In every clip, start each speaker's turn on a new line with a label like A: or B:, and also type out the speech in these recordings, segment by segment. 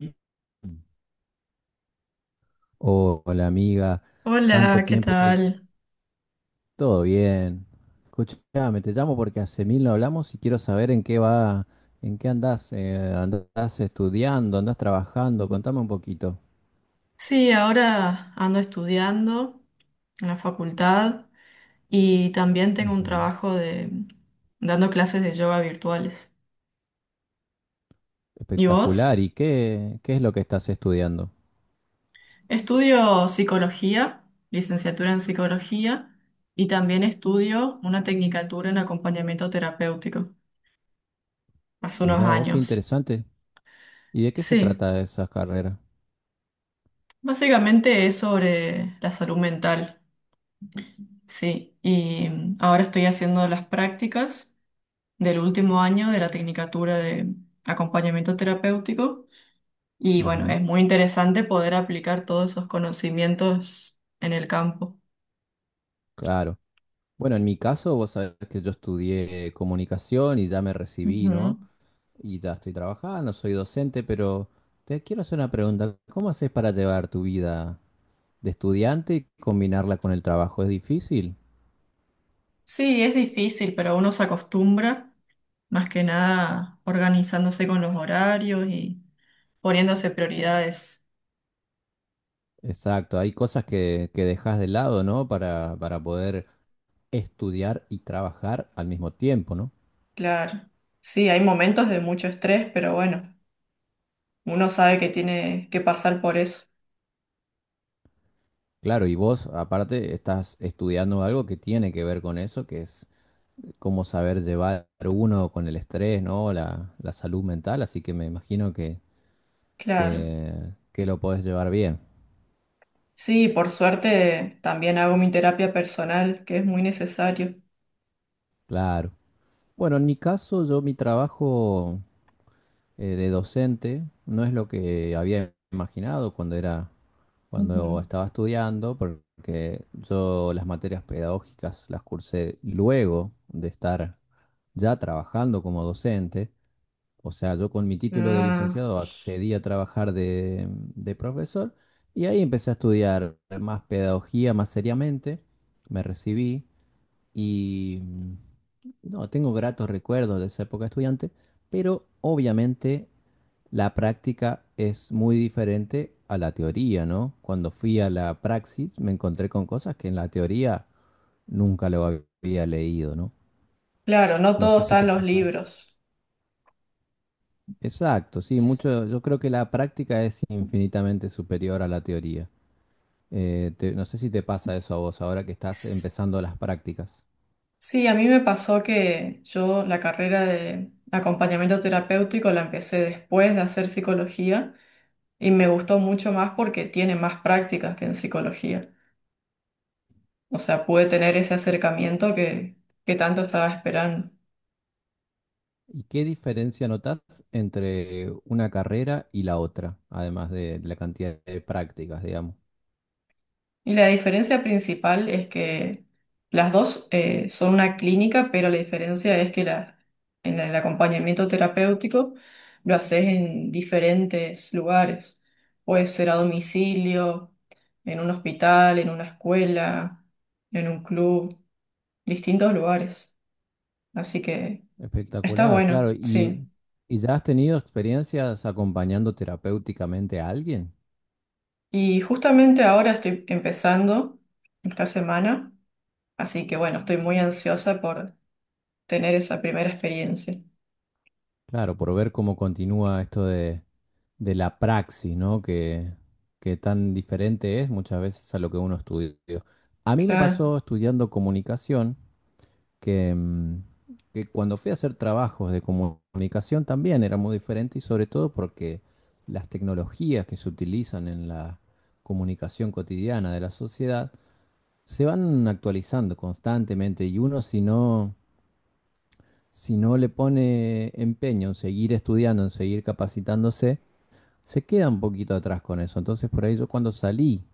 A: Mm. Oh, hola amiga, tanto
B: Hola, ¿qué
A: tiempo,
B: tal?
A: todo bien. Escuchame, te llamo porque hace mil no hablamos y quiero saber en qué va, en qué andás, andás estudiando, andás trabajando, contame un poquito.
B: Sí, ahora ando estudiando en la facultad y también tengo un
A: Ujú.
B: trabajo de dando clases de yoga virtuales. ¿Y vos?
A: Espectacular, ¿y qué es lo que estás estudiando?
B: Estudio psicología, licenciatura en psicología y también estudio una tecnicatura en acompañamiento terapéutico hace unos
A: Mirá vos, qué
B: años.
A: interesante. ¿Y de qué se
B: Sí,
A: trata esa carrera?
B: básicamente es sobre la salud mental. Sí, y ahora estoy haciendo las prácticas del último año de la tecnicatura de acompañamiento terapéutico. Y bueno,
A: Ujú.
B: es muy interesante poder aplicar todos esos conocimientos en el campo.
A: Claro. Bueno, en mi caso, vos sabés que yo estudié comunicación y ya me recibí,
B: Ujú.
A: ¿no? Y ya estoy trabajando, soy docente, pero te quiero hacer una pregunta. ¿Cómo haces para llevar tu vida de estudiante y combinarla con el trabajo? ¿Es difícil?
B: Sí, es difícil, pero uno se acostumbra, más que nada organizándose con los horarios y poniéndose prioridades.
A: Exacto, hay cosas que dejas de lado, ¿no? Para poder estudiar y trabajar al mismo tiempo, ¿no?
B: Claro. Sí, hay momentos de mucho estrés, pero bueno, uno sabe que tiene que pasar por eso.
A: Claro, y vos aparte estás estudiando algo que tiene que ver con eso, que es cómo saber llevar uno con el estrés, ¿no? La salud mental, así que me imagino
B: Claro.
A: que, que lo podés llevar bien.
B: Sí, por suerte también hago mi terapia personal, que es muy necesario.
A: Claro. Bueno, en mi caso, yo mi trabajo de docente no es lo que había imaginado cuando cuando
B: Ujú.
A: estaba estudiando, porque yo las materias pedagógicas las cursé luego de estar ya trabajando como docente. O sea, yo con mi título de
B: Ah,
A: licenciado accedí a trabajar de profesor y ahí empecé a estudiar más pedagogía más seriamente. Me recibí y no, tengo gratos recuerdos de esa época de estudiante, pero obviamente la práctica es muy diferente a la teoría, ¿no? Cuando fui a la praxis me encontré con cosas que en la teoría nunca lo había leído, ¿no?
B: claro, no
A: No
B: todo
A: sé si
B: está en
A: te
B: los
A: pasa eso.
B: libros.
A: Exacto, sí,
B: S-
A: mucho, yo creo que la práctica es infinitamente superior a la teoría. No sé si te pasa eso a vos ahora que estás
B: s-
A: empezando las prácticas.
B: Sí, a mí me pasó que yo la carrera de acompañamiento terapéutico la empecé después de hacer psicología y me gustó mucho más porque tiene más prácticas que en psicología. O sea, pude tener ese acercamiento que tanto estaba esperando.
A: ¿Y qué diferencia notas entre una carrera y la otra, además de la cantidad de prácticas, digamos?
B: Y la diferencia principal es que las dos son una clínica, pero la diferencia es que en el acompañamiento terapéutico lo haces en diferentes lugares. Puede ser a domicilio, en un hospital, en una escuela, en un club, distintos lugares. Así que está
A: Espectacular, claro.
B: bueno, sí.
A: ¿ Y ya has tenido experiencias acompañando terapéuticamente a alguien?
B: Y justamente ahora estoy empezando esta semana, así que bueno, estoy muy ansiosa por tener esa primera experiencia.
A: Claro, por ver cómo continúa esto de la praxis, ¿no? Que tan diferente es muchas veces a lo que uno estudia. A mí me
B: Claro,
A: pasó estudiando comunicación que, mm, que cuando fui a hacer trabajos de comunicación también era muy diferente y sobre todo porque las tecnologías que se utilizan en la comunicación cotidiana de la sociedad se van actualizando constantemente y uno si no le pone empeño en seguir estudiando, en seguir capacitándose, se queda un poquito atrás con eso. Entonces por ahí yo cuando salí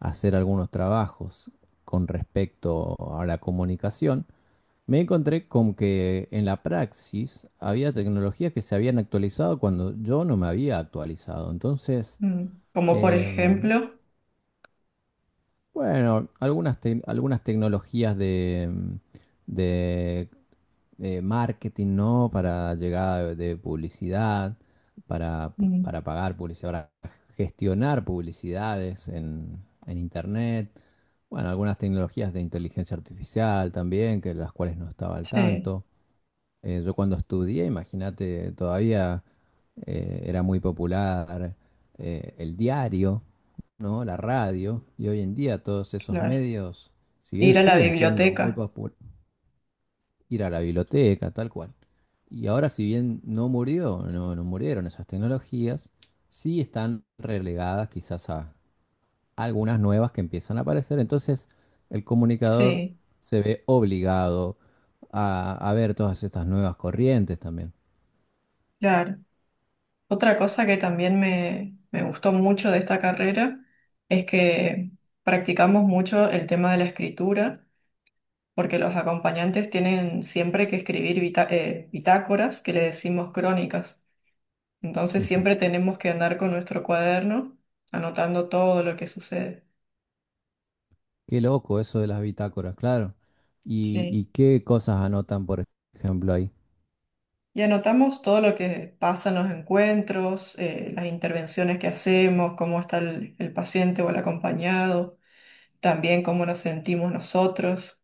A: a hacer algunos trabajos con respecto a la comunicación, me encontré con que en la praxis había tecnologías que se habían actualizado cuando yo no me había actualizado. Entonces,
B: mm. Como por
A: em,
B: ejemplo,
A: bueno, algunas tecnologías de marketing, ¿no? Para llegada de publicidad,
B: mm,
A: para pagar publicidad, para gestionar publicidades en Internet. Bueno, algunas tecnologías de inteligencia artificial también, que las cuales no estaba al
B: sí,
A: tanto. Yo cuando estudié, imagínate, todavía era muy popular el diario, ¿no? La radio, y hoy en día todos esos
B: claro,
A: medios, si bien
B: ir a la
A: siguen siendo muy
B: biblioteca,
A: populares, ir a la biblioteca, tal cual. Y ahora, si bien no murió, no murieron esas tecnologías, sí están relegadas quizás a algunas nuevas que empiezan a aparecer. Entonces, el comunicador
B: sí,
A: se ve obligado a ver todas estas nuevas corrientes también.
B: claro. Otra cosa que también me gustó mucho de esta carrera es que practicamos mucho el tema de la escritura, porque los acompañantes tienen siempre que escribir bitácoras, que le decimos crónicas. Entonces
A: Ujú.
B: siempre tenemos que andar con nuestro cuaderno anotando todo lo que sucede.
A: Qué loco eso de las bitácoras, claro. ¿
B: Sí.
A: Y qué cosas anotan, por ejemplo, ahí?
B: Y anotamos todo lo que pasa en los encuentros, las intervenciones que hacemos, cómo está el paciente o el acompañado, también cómo nos sentimos nosotros.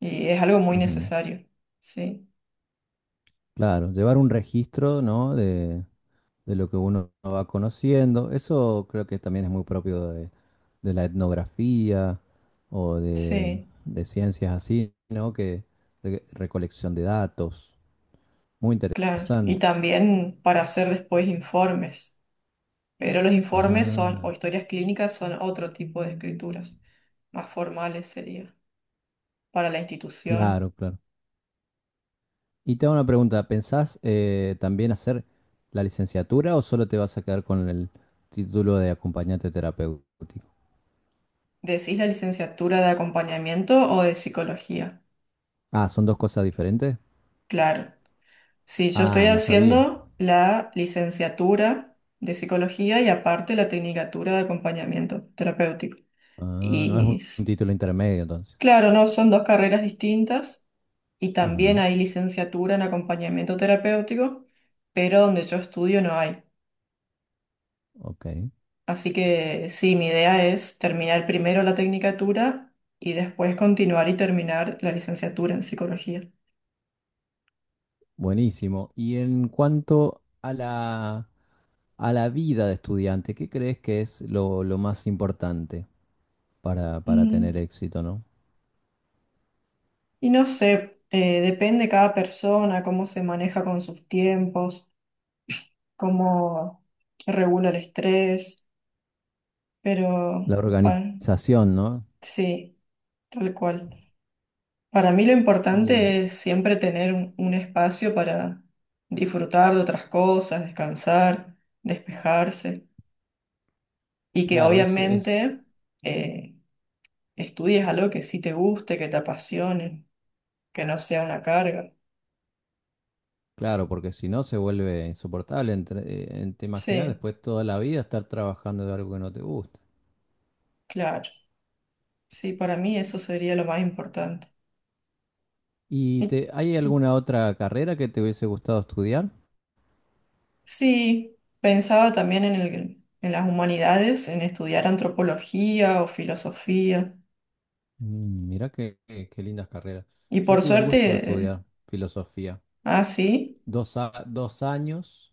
B: Y es algo muy
A: Ujú.
B: necesario. Sí,
A: Claro, llevar un registro, ¿no? De lo que uno va conociendo. Eso creo que también es muy propio de la etnografía o
B: sí,
A: de ciencias así, ¿no? Que de recolección de datos. Muy
B: claro. Y
A: interesante.
B: también para hacer después informes. Pero los informes son, o
A: Ajá,
B: historias clínicas son otro tipo de escrituras, más formales sería, para la institución.
A: claro, claro. Y te hago una pregunta, ¿pensás también hacer la licenciatura o solo te vas a quedar con el título de acompañante terapéutico?
B: ¿Decís la licenciatura de acompañamiento o de psicología?
A: Ah, ¿son dos cosas diferentes?
B: Claro. Sí, yo estoy
A: Ah, no sabía.
B: haciendo la licenciatura de psicología y aparte la tecnicatura de acompañamiento terapéutico.
A: Ah, no es
B: Y
A: un
B: s-
A: título intermedio entonces.
B: claro, no, son dos carreras distintas y también
A: Ujú.
B: hay licenciatura en acompañamiento terapéutico, pero donde yo estudio no hay.
A: Ok,
B: Así que sí, mi idea es terminar primero la tecnicatura y después continuar y terminar la licenciatura en psicología.
A: buenísimo. Y en cuanto a a la vida de estudiante, ¿qué crees que es lo más importante para tener
B: Mm.
A: éxito, ¿no?
B: Y no sé, depende cada persona, cómo se maneja con sus tiempos, cómo regula el estrés, pero
A: La
B: pa-
A: organización, ¿no?
B: sí, tal cual. Para mí lo
A: Y
B: importante es siempre tener un espacio para disfrutar de otras cosas, descansar, despejarse y que
A: claro, es
B: obviamente eh, estudies algo que sí te guste, que te apasione, que no sea una carga.
A: claro, porque si no se vuelve insoportable. Te imaginas
B: Sí,
A: después toda la vida estar trabajando de algo que no te gusta.
B: claro. Sí, para mí eso sería lo más importante.
A: ¿Y
B: Y-
A: hay alguna otra carrera que te hubiese gustado estudiar?
B: Sí, pensaba también en en las humanidades, en estudiar antropología o filosofía.
A: Mm, mirá qué lindas carreras.
B: Y
A: Yo
B: por
A: tuve el gusto de
B: suerte,
A: estudiar filosofía.
B: ah, sí,
A: Dos años,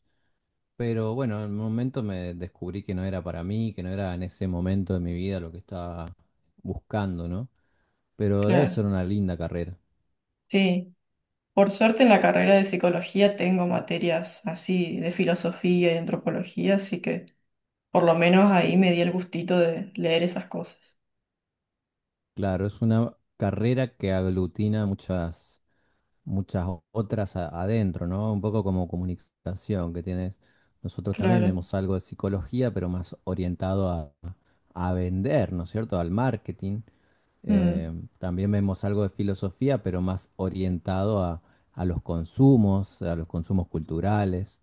A: pero bueno, en un momento me descubrí que no era para mí, que no era en ese momento de mi vida lo que estaba buscando, ¿no? Pero debe
B: claro,
A: ser una linda carrera.
B: sí. Por suerte en la carrera de psicología tengo materias así de filosofía y antropología, así que por lo menos ahí me di el gustito de leer esas cosas.
A: Claro, es una carrera que aglutina muchas otras adentro, ¿no? Un poco como comunicación que tienes. Nosotros también
B: Claro,
A: vemos algo de psicología, pero más orientado a vender, ¿no es cierto? Al marketing. Eh,
B: mm,
A: También vemos algo de filosofía, pero más orientado a los consumos culturales.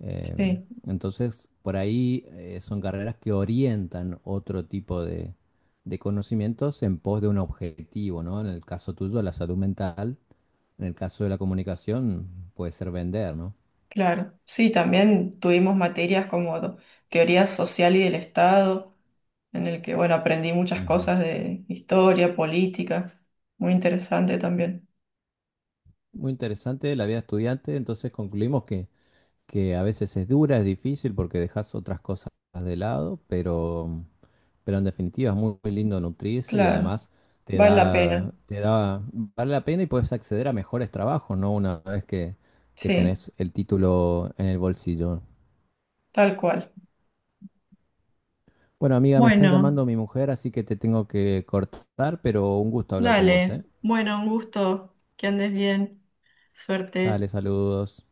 A: Eh,
B: sí.
A: entonces, por ahí son carreras que orientan otro tipo de conocimientos en pos de un objetivo, ¿no? En el caso tuyo, la salud mental, en el caso de la comunicación, puede ser vender, ¿no?
B: Claro, sí, también tuvimos materias como teoría social y del Estado, en el que, bueno, aprendí muchas
A: Ujú.
B: cosas de historia, política, muy interesante también.
A: Muy interesante la vida estudiante, entonces concluimos que a veces es dura, es difícil porque dejas otras cosas de lado, pero en definitiva es muy, muy lindo nutrirse y
B: Claro,
A: además
B: vale la pena,
A: te da, vale la pena y puedes acceder a mejores trabajos, ¿no? Una vez que
B: sí,
A: tenés el título en el bolsillo.
B: tal cual.
A: Bueno, amiga, me están
B: Bueno,
A: llamando mi mujer, así que te tengo que cortar, pero un gusto hablar con vos, ¿eh?
B: dale, bueno, un gusto, que andes bien,
A: Dale,
B: suerte.
A: saludos.